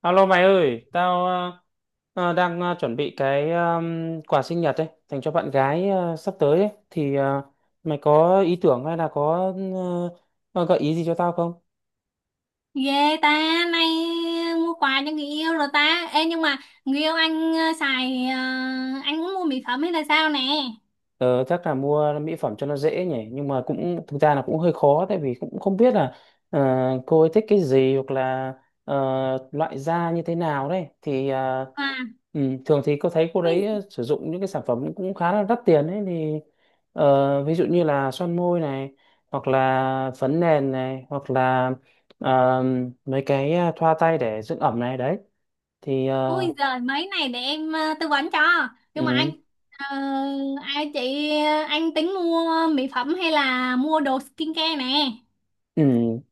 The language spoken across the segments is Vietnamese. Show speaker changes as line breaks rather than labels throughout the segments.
Alo mày ơi, tao đang chuẩn bị cái quà sinh nhật ấy, dành cho bạn gái sắp tới ấy. Thì mày có ý tưởng hay là có gợi ý gì cho tao không?
Ghê ta, nay mua quà cho người yêu rồi ta. Ê nhưng mà người yêu anh xài anh cũng mua mỹ phẩm hay là sao nè?
Ờ, Chắc là mua mỹ phẩm cho nó dễ nhỉ, nhưng mà cũng thực ra là cũng hơi khó, tại vì cũng không biết là ờ, cô ấy thích cái gì, hoặc là ờ, loại da như thế nào đấy thì à,
À,
ừ, thường thì cô thấy cô đấy
ui,
sử dụng những cái sản phẩm cũng khá là đắt tiền ấy, thì ví dụ như là son môi này, hoặc là phấn nền này, hoặc là ờ, mấy cái thoa tay để dưỡng ẩm này đấy, thì
ui giời mấy này để em tư vấn cho. Nhưng mà anh
ừ.
ờ, ai chị anh tính mua mỹ phẩm hay là mua đồ skincare nè?
Ừ,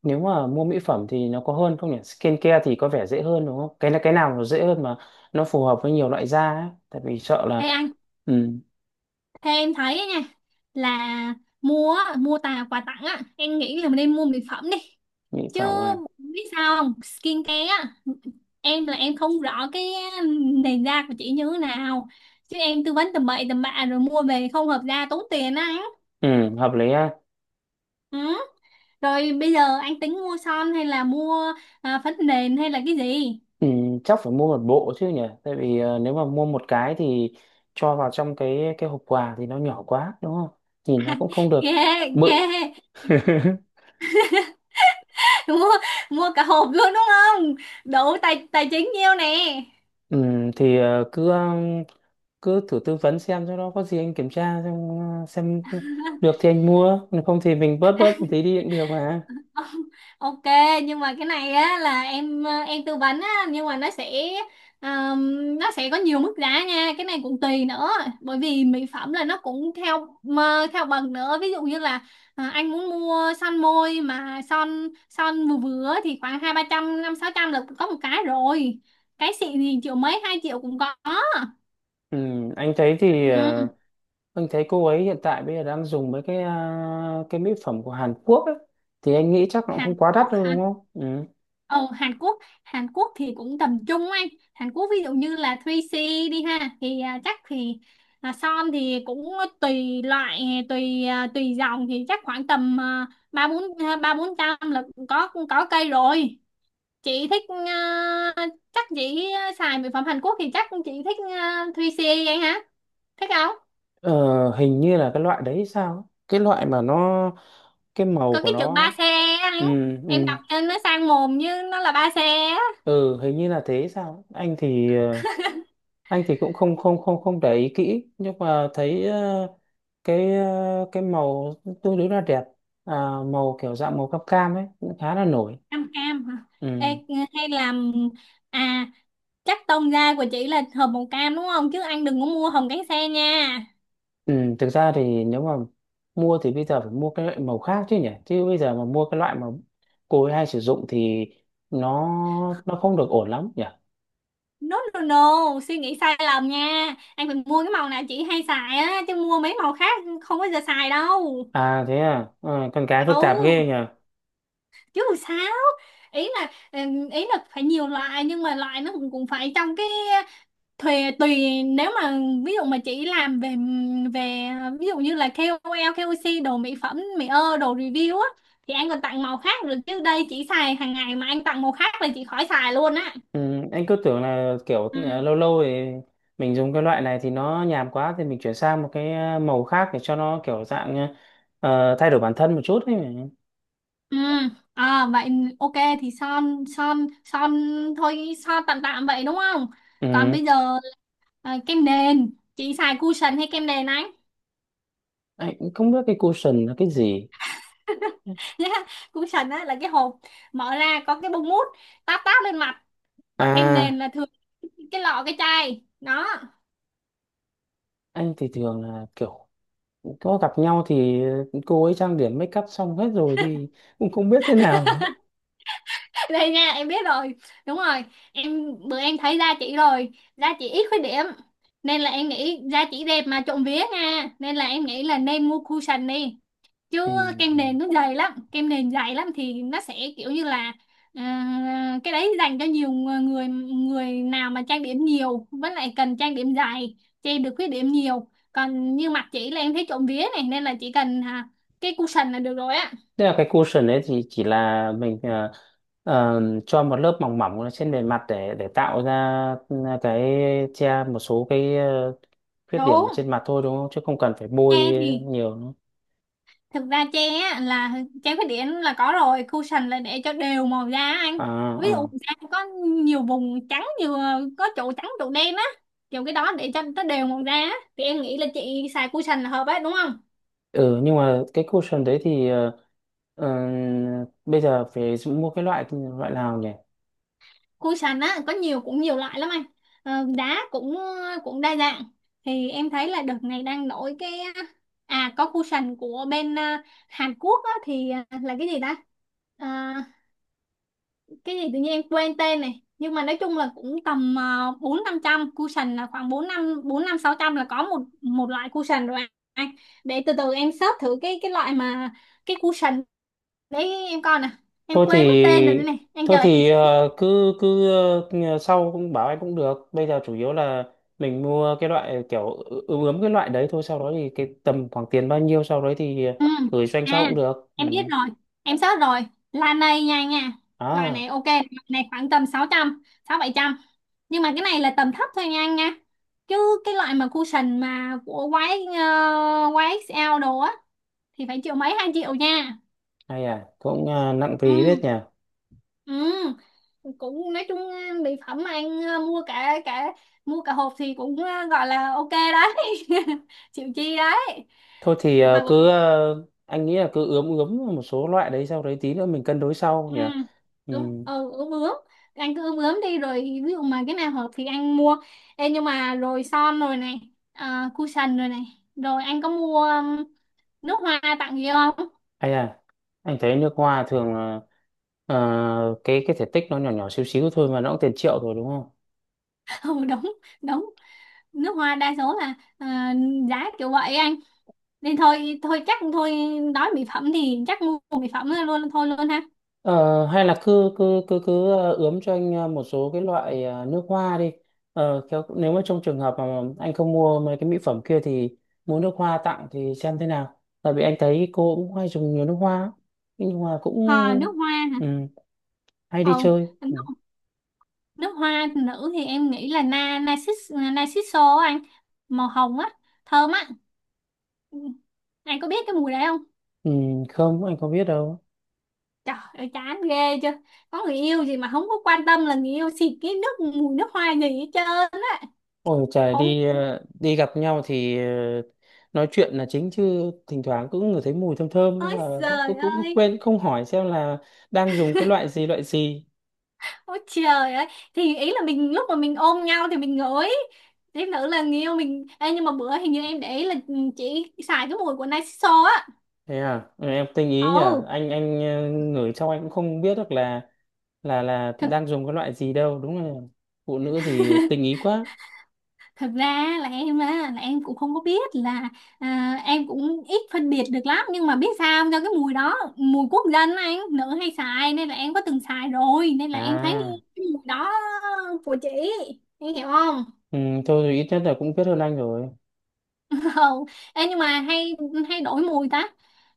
nếu mà mua mỹ phẩm thì nó có hơn không nhỉ? Skincare thì có vẻ dễ hơn đúng không? Cái nào nó dễ hơn mà nó phù hợp với nhiều loại da ấy. Tại vì sợ là
Ê anh,
ừ,
thế em thấy á nha là mua á, mua tà quà tặng á, em nghĩ là mình nên mua mỹ phẩm đi.
mỹ
Chứ
phẩm à.
biết sao không? Skincare á, em là em không rõ cái nền da của chị như thế nào, chứ em tư vấn tầm bậy tầm bạ rồi mua về không hợp da tốn tiền á anh.
Ừ, hợp lý ha.
Ừ, rồi bây giờ anh tính mua son hay là mua phấn nền hay là cái gì.
Ừ, chắc phải mua một bộ chứ nhỉ? Tại vì nếu mà mua một cái thì cho vào trong cái hộp quà thì nó nhỏ quá đúng không? Nhìn nó cũng không được
Ghê, ghê.
bự.
mua mua cả hộp luôn đúng không, đủ tài tài chính nhiêu nè.
Ừ, thì cứ thử tư vấn xem cho nó có gì anh kiểm tra xem, xem được thì anh mua, còn không thì mình bớt bớt một tí đi cũng được mà.
Ok, nhưng mà cái này á là em em tư vấn á, nhưng mà um, nó sẽ có nhiều mức giá nha, cái này cũng tùy nữa, bởi vì mỹ phẩm là nó cũng theo mà theo bậc nữa, ví dụ như là anh muốn mua son môi mà son son vừa vừa thì khoảng 2-300 5-600 là có một cái rồi, cái xịn thì triệu mấy 2 triệu cũng có.
Ừ, anh thấy thì
Ừ.
ờ, anh thấy cô ấy hiện tại bây giờ đang dùng mấy cái mỹ phẩm của Hàn Quốc ấy, thì anh nghĩ chắc nó cũng
Hàn
không quá đắt
Quốc.
đâu đúng không. Ừ,
Ờ, Hàn Quốc. Hàn Quốc thì cũng tầm trung anh. Hàn Quốc ví dụ như là 3C đi ha, thì chắc thì son thì cũng tùy loại, tùy tùy dòng thì chắc khoảng tầm 3-400 là có cây rồi. Chị thích chắc chị xài mỹ phẩm Hàn Quốc thì chắc chị thích 3C anh hả, thích không?
ờ, hình như là cái loại đấy sao ấy. Cái loại mà nó, cái màu
Có
của
cái chữ ba
nó
xe
ừ,
anh, em
ừ,
đọc trên nó sang mồm như nó là ba xe á.
ừ hình như là thế sao ấy. Anh thì cũng không không không không để ý kỹ, nhưng mà thấy cái màu tương đối là đẹp à, màu kiểu dạng màu cam cam ấy cũng khá là nổi
Cam cam hả? Ê,
ừ.
hay là à, chắc tông da của chị là hầm màu cam đúng không, chứ anh đừng có mua hồng cánh sen nha.
Ừ, thực ra thì nếu mà mua thì bây giờ phải mua cái loại màu khác chứ nhỉ, chứ bây giờ mà mua cái loại mà cô ấy hay sử dụng thì nó nó không được ổn lắm nhỉ.
No no no, suy nghĩ sai lầm nha, anh phải mua cái màu nào chị hay xài á, chứ mua mấy màu khác không bao giờ xài đâu.
À thế à. Ờ, con cái phức tạp ghê nhỉ.
Ấu, chứ sao, ý là phải nhiều loại nhưng mà loại nó cũng cũng phải trong cái thuê tùy, nếu mà ví dụ mà chị làm về về ví dụ như là ca O lờ, ca O KOC đồ mỹ phẩm, mỹ ơ, đồ review á, thì anh còn tặng màu khác được, chứ đây chị xài hàng ngày mà anh tặng màu khác là chị khỏi xài luôn á.
Ừ, anh cứ tưởng là kiểu
Ừ.
lâu lâu thì mình dùng cái loại này thì nó nhàm quá, thì mình chuyển sang một cái màu khác để cho nó kiểu dạng thay đổi bản thân một chút ấy mà.
Ừ. À, vậy ok thì son son son thôi, son tạm tạm vậy đúng không? Còn
Ừ,
bây giờ kem nền chị xài cushion hay kem nền anh?
anh cũng không biết cái cushion là cái gì.
Nhá, cushion á là cái hộp mở ra có cái bông mút táp táp lên mặt, còn kem nền
À,
là thường cái lọ cái chai đó.
anh thì thường là kiểu có gặp nhau thì cô ấy trang điểm make up xong hết rồi, thì cũng không biết thế nào.
Đây nha, em biết rồi, đúng rồi. Em bữa em thấy da chị rồi, da chị ít khuyết điểm nên là em nghĩ da chị đẹp mà trộm vía nha, nên là em nghĩ là nên mua cushion đi, chứ
Ừ.
kem
Ừ.
nền nó dày lắm, kem nền dày lắm thì nó sẽ kiểu như là cái đấy dành cho nhiều người, người nào mà trang điểm nhiều với lại cần trang điểm dài che được khuyết điểm nhiều, còn như mặt chị là em thấy trộm vía này, nên là chỉ cần cái cushion là được rồi á.
Thế là cái cushion đấy thì chỉ là mình cho một lớp mỏng mỏng lên trên bề mặt, để tạo ra cái che một số cái khuyết điểm
Đúng,
ở trên mặt thôi đúng không? Chứ không cần phải bôi
tre thì
nhiều nữa.
thực ra tre á, là tre khuyết điểm là có rồi, cushion là để cho đều màu da anh,
À,
ví dụ
à.
da có nhiều vùng trắng nhiều, có chỗ trắng chỗ đen á, kiểu cái đó để cho nó đều màu da á. Thì em nghĩ là chị xài cushion là hợp ấy đúng không?
Ừ, nhưng mà cái cushion đấy thì ờ, bây giờ phải mua cái loại loại nào nhỉ?
Cushion á có nhiều, cũng nhiều loại lắm anh. Ờ, đá cũng cũng đa dạng, thì em thấy là đợt này đang nổi cái, có cushion của bên Hàn Quốc á, thì à, là cái gì ta. À, cái gì tự nhiên em quên tên này, nhưng mà nói chung là cũng tầm 4-500, cushion là khoảng bốn năm 4-5-600 là có một một loại cushion rồi anh. Để từ từ em search thử cái loại mà cái cushion đấy, em coi nè, em
thôi
quên mất tên rồi, đây
thì
này anh
thôi
chờ em.
thì ờ, cứ cứ ờ, sau cũng bảo anh cũng được, bây giờ chủ yếu là mình mua cái loại kiểu ướm ướm cái loại đấy thôi, sau đó thì cái tầm khoảng tiền bao nhiêu, sau đấy thì
Ừ.
gửi cho anh sau
À
cũng được ừ.
em biết rồi, em search rồi, là này nha nha. Loại
À,
này ok, loại này khoảng tầm 600, 6-700, nhưng mà cái này là tầm thấp thôi nha anh nha, chứ cái loại mà cushion mà của YX, YXL đồ á thì phải triệu mấy hai triệu nha.
hay à, cũng nặng phí biết
Ừ,
nhỉ.
ừ, cũng nói chung mỹ phẩm mà anh mua cả cả mua cả hộp thì cũng gọi là ok đấy. Chịu chi đấy.
Thôi thì
Hoặc là
anh nghĩ là cứ ướm ướm một số loại đấy, sau đấy tí nữa mình cân đối sau
ừ,
nhỉ. Ừ.
đúng ừ, ướm ướm, anh cứ ướm ướm đi rồi ví dụ mà cái nào hợp thì anh mua. Ê, nhưng mà rồi son rồi này, cushion rồi này, rồi anh có mua nước hoa tặng gì không?
Hay à, anh thấy nước hoa thường là cái thể tích nó nhỏ nhỏ xíu xíu thôi mà nó cũng tiền triệu rồi đúng không.
Ừ đúng đúng, nước hoa đa số là giá kiểu vậy anh, nên thôi thôi chắc thôi, nói mỹ phẩm thì chắc mua mỹ phẩm luôn thôi luôn ha.
Ờ, hay là cứ cứ cứ cứ ờ, ướm cho anh một số cái loại nước hoa đi. Ờ, nếu mà trong trường hợp mà anh không mua mấy cái mỹ phẩm kia, thì mua nước hoa tặng thì xem thế nào. Tại vì anh thấy cô cũng hay dùng nhiều nước hoa lắm. Nhưng mà cũng
À, nước hoa hả?
ừ, hay đi
Ờ,
chơi. Ừ.
nước, nước hoa nữ thì em nghĩ là na narcis narciso á anh, màu hồng á, thơm á. Ừ. Anh có biết cái mùi đấy không?
Ừ, không, anh không biết đâu.
Trời ơi chán ghê chưa, có người yêu gì mà không có quan tâm là người yêu xịt cái nước mùi nước hoa gì hết trơn á.
Ôi trời,
Không,
đi gặp nhau thì nói chuyện là chính, chứ thỉnh thoảng cũng ngửi thấy mùi thơm thơm, nhưng
ơi
mà cũng
trời
cũng cũng
ơi,
quên không hỏi xem là đang dùng cái loại gì loại gì.
ôi trời ơi. Thì ý là mình lúc mà mình ôm nhau thì mình ngửi, thêm nữa là người yêu mình. Ê, nhưng mà bữa hình như em để ý là ừ, chị xài cái mùi của Narciso á.
Thế à. Ừ, em tinh ý nhỉ.
Ồ.
Anh ngửi trong, anh cũng không biết được là
Thực,
đang dùng cái loại gì đâu, đúng là phụ nữ thì tinh ý quá.
thật ra là em á là em cũng không có biết là em cũng ít phân biệt được lắm, nhưng mà biết sao không? Do cái mùi đó mùi quốc dân á, anh, nữ hay xài nên là em có từng xài rồi nên là em thấy
À,
cái mùi đó của chị, em hiểu không?
ừ, thôi thì ít nhất là cũng biết hơn anh rồi.
Không. Ê, nhưng mà hay hay đổi mùi ta,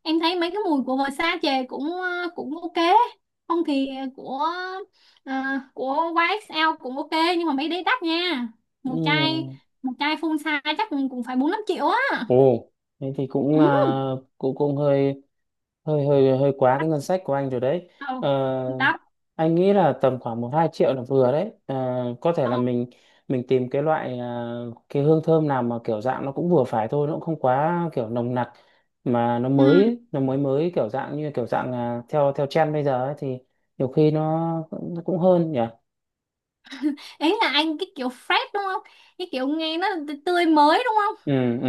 em thấy mấy cái mùi của Versace chè cũng cũng ok, không thì của ờ, của YSL cũng ok, nhưng mà mấy đấy đắt nha. Một chai
Ừ.
một chai full size chắc cũng cũng phải 4-5 triệu á.
Ồ, thế thì cũng
Ừ.
à, cũng cũng hơi hơi quá cái ngân sách của anh rồi đấy.
Ờ,
Ờ,
đắt.
anh nghĩ là tầm khoảng 1-2 triệu là vừa đấy, à, có thể
Ờ,
là mình tìm cái loại à, cái hương thơm nào mà kiểu dạng nó cũng vừa phải thôi, nó cũng không quá kiểu nồng nặc, mà nó mới
ừ.
ấy, nó mới mới kiểu dạng, à, theo theo trend bây giờ ấy, thì nhiều khi nó cũng hơn nhỉ.
Ý là anh cái kiểu fresh đúng không, cái kiểu nghe nó tươi mới đúng không?
Ừ, ừ,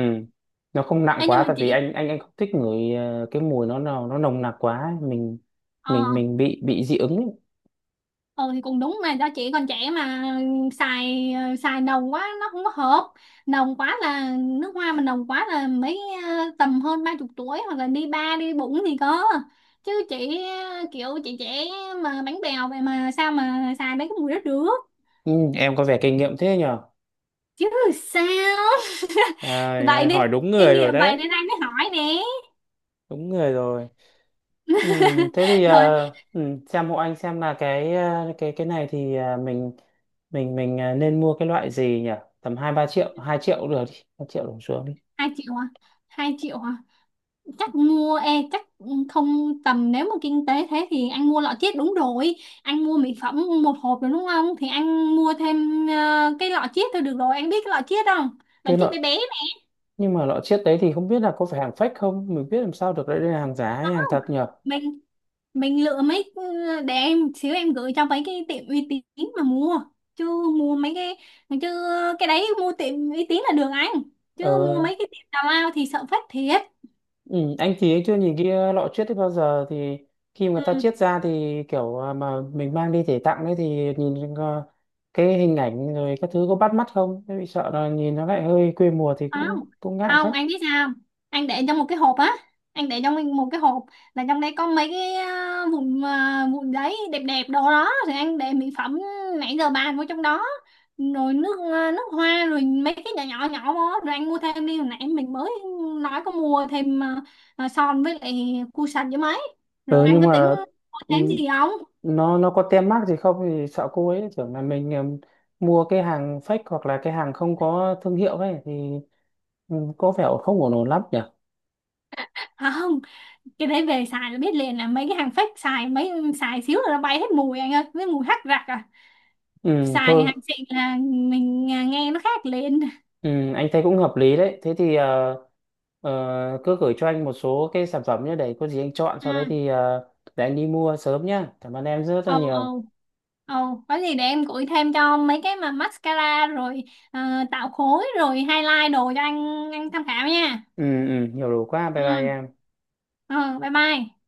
nó không nặng
Ê, nhưng
quá,
mà
tại vì
chị
anh không thích ngửi à, cái mùi nó nào nó nồng nặc quá ấy. mình
ờ,
mình mình bị dị ứng ấy.
ừ thì cũng đúng mà do chị còn trẻ mà, xài xài nồng quá nó không có hợp, nồng quá là nước hoa mà nồng quá là mấy tầm hơn 30 tuổi hoặc là đi ba đi bụng thì có, chứ chị kiểu chị trẻ mà bánh bèo vậy mà sao mà xài mấy cái mùi đó được.
Ừ, em có vẻ kinh nghiệm thế nhỉ.
Chứ sao. Vậy
À,
nên,
hỏi đúng
kinh
người rồi
nghiệm vậy
đấy.
nên anh mới hỏi nè.
Đúng người rồi. Ừ, thế thì
Rồi,
ừ, xem hộ anh xem là cái này thì nên mua cái loại gì nhỉ? Tầm 2-3 triệu, 2 triệu cũng được đi, 2 triệu đổ xuống đi.
2 triệu à, 2 triệu chắc mua e chắc không, tầm nếu mà kinh tế thế thì anh mua lọ chiết đúng rồi, anh mua mỹ phẩm một hộp rồi đúng không, thì anh mua thêm cái lọ chiết thôi được rồi, anh biết cái lọ chiết không, lọ
Cái
chiết
loại,
bé bé này.
nhưng mà loại chiếc đấy thì không biết là có phải hàng fake không, mình biết làm sao được đấy đây là hàng giả hay hàng thật nhỉ?
Mình mình lựa mấy ừ, để em xíu em gửi cho mấy cái tiệm uy tín mà mua, chứ mua mấy cái, chứ cái đấy mua tiệm uy tín là được anh, chứ mua
Ờ,
mấy cái tiệm tào lao thì sợ phát thiệt.
ừ, anh thì anh chưa nhìn lọ chiết đấy bao giờ, thì khi mà người ta
Ừ.
chiết ra thì kiểu mà mình mang đi để tặng đấy, thì nhìn cái hình ảnh rồi các thứ có bắt mắt không? Thế bị sợ là nhìn nó lại hơi quê mùa thì cũng
Không
cũng ngại.
không, anh biết sao không? Anh để trong một cái hộp á, anh để trong một cái hộp là trong đây có mấy cái vụn vụn giấy đẹp đẹp đồ đó, thì anh để mỹ phẩm nãy giờ bàn vô trong đó, rồi nước nước hoa rồi mấy cái nhỏ nhỏ nhỏ vô, rồi anh mua thêm đi, hồi nãy mình mới nói có mua thêm son với lại cu sạch với mấy, rồi
Ờ
anh
nhưng
có tính
mà
mua thêm
ừ,
gì không?
nó có tem mác gì không, thì sợ cô ấy tưởng là mình mua cái hàng fake hoặc là cái hàng không có thương hiệu ấy, thì ừ, có vẻ không ổn ổn lắm nhỉ.
À, không, cái đấy về xài là biết liền là mấy cái hàng fake, xài xài xíu là nó bay hết mùi anh ơi với mùi hắc rạc à,
Ừ
xài
thôi,
hàng xịn là mình nghe nó khác liền.
ừ, anh thấy cũng hợp lý đấy, thế thì cứ gửi cho anh một số cái sản phẩm nhé, để có gì anh chọn, sau đấy
À,
thì để anh đi mua sớm nhá, cảm ơn em rất là
ồ
nhiều.
ồ ồ, có gì để em gửi thêm cho mấy cái mà mascara rồi ờ, tạo khối rồi highlight đồ cho anh tham khảo nha.
Ừ, ừ, nhiều đủ quá,
Ừ,
bye bye em.
ừ, bye bye.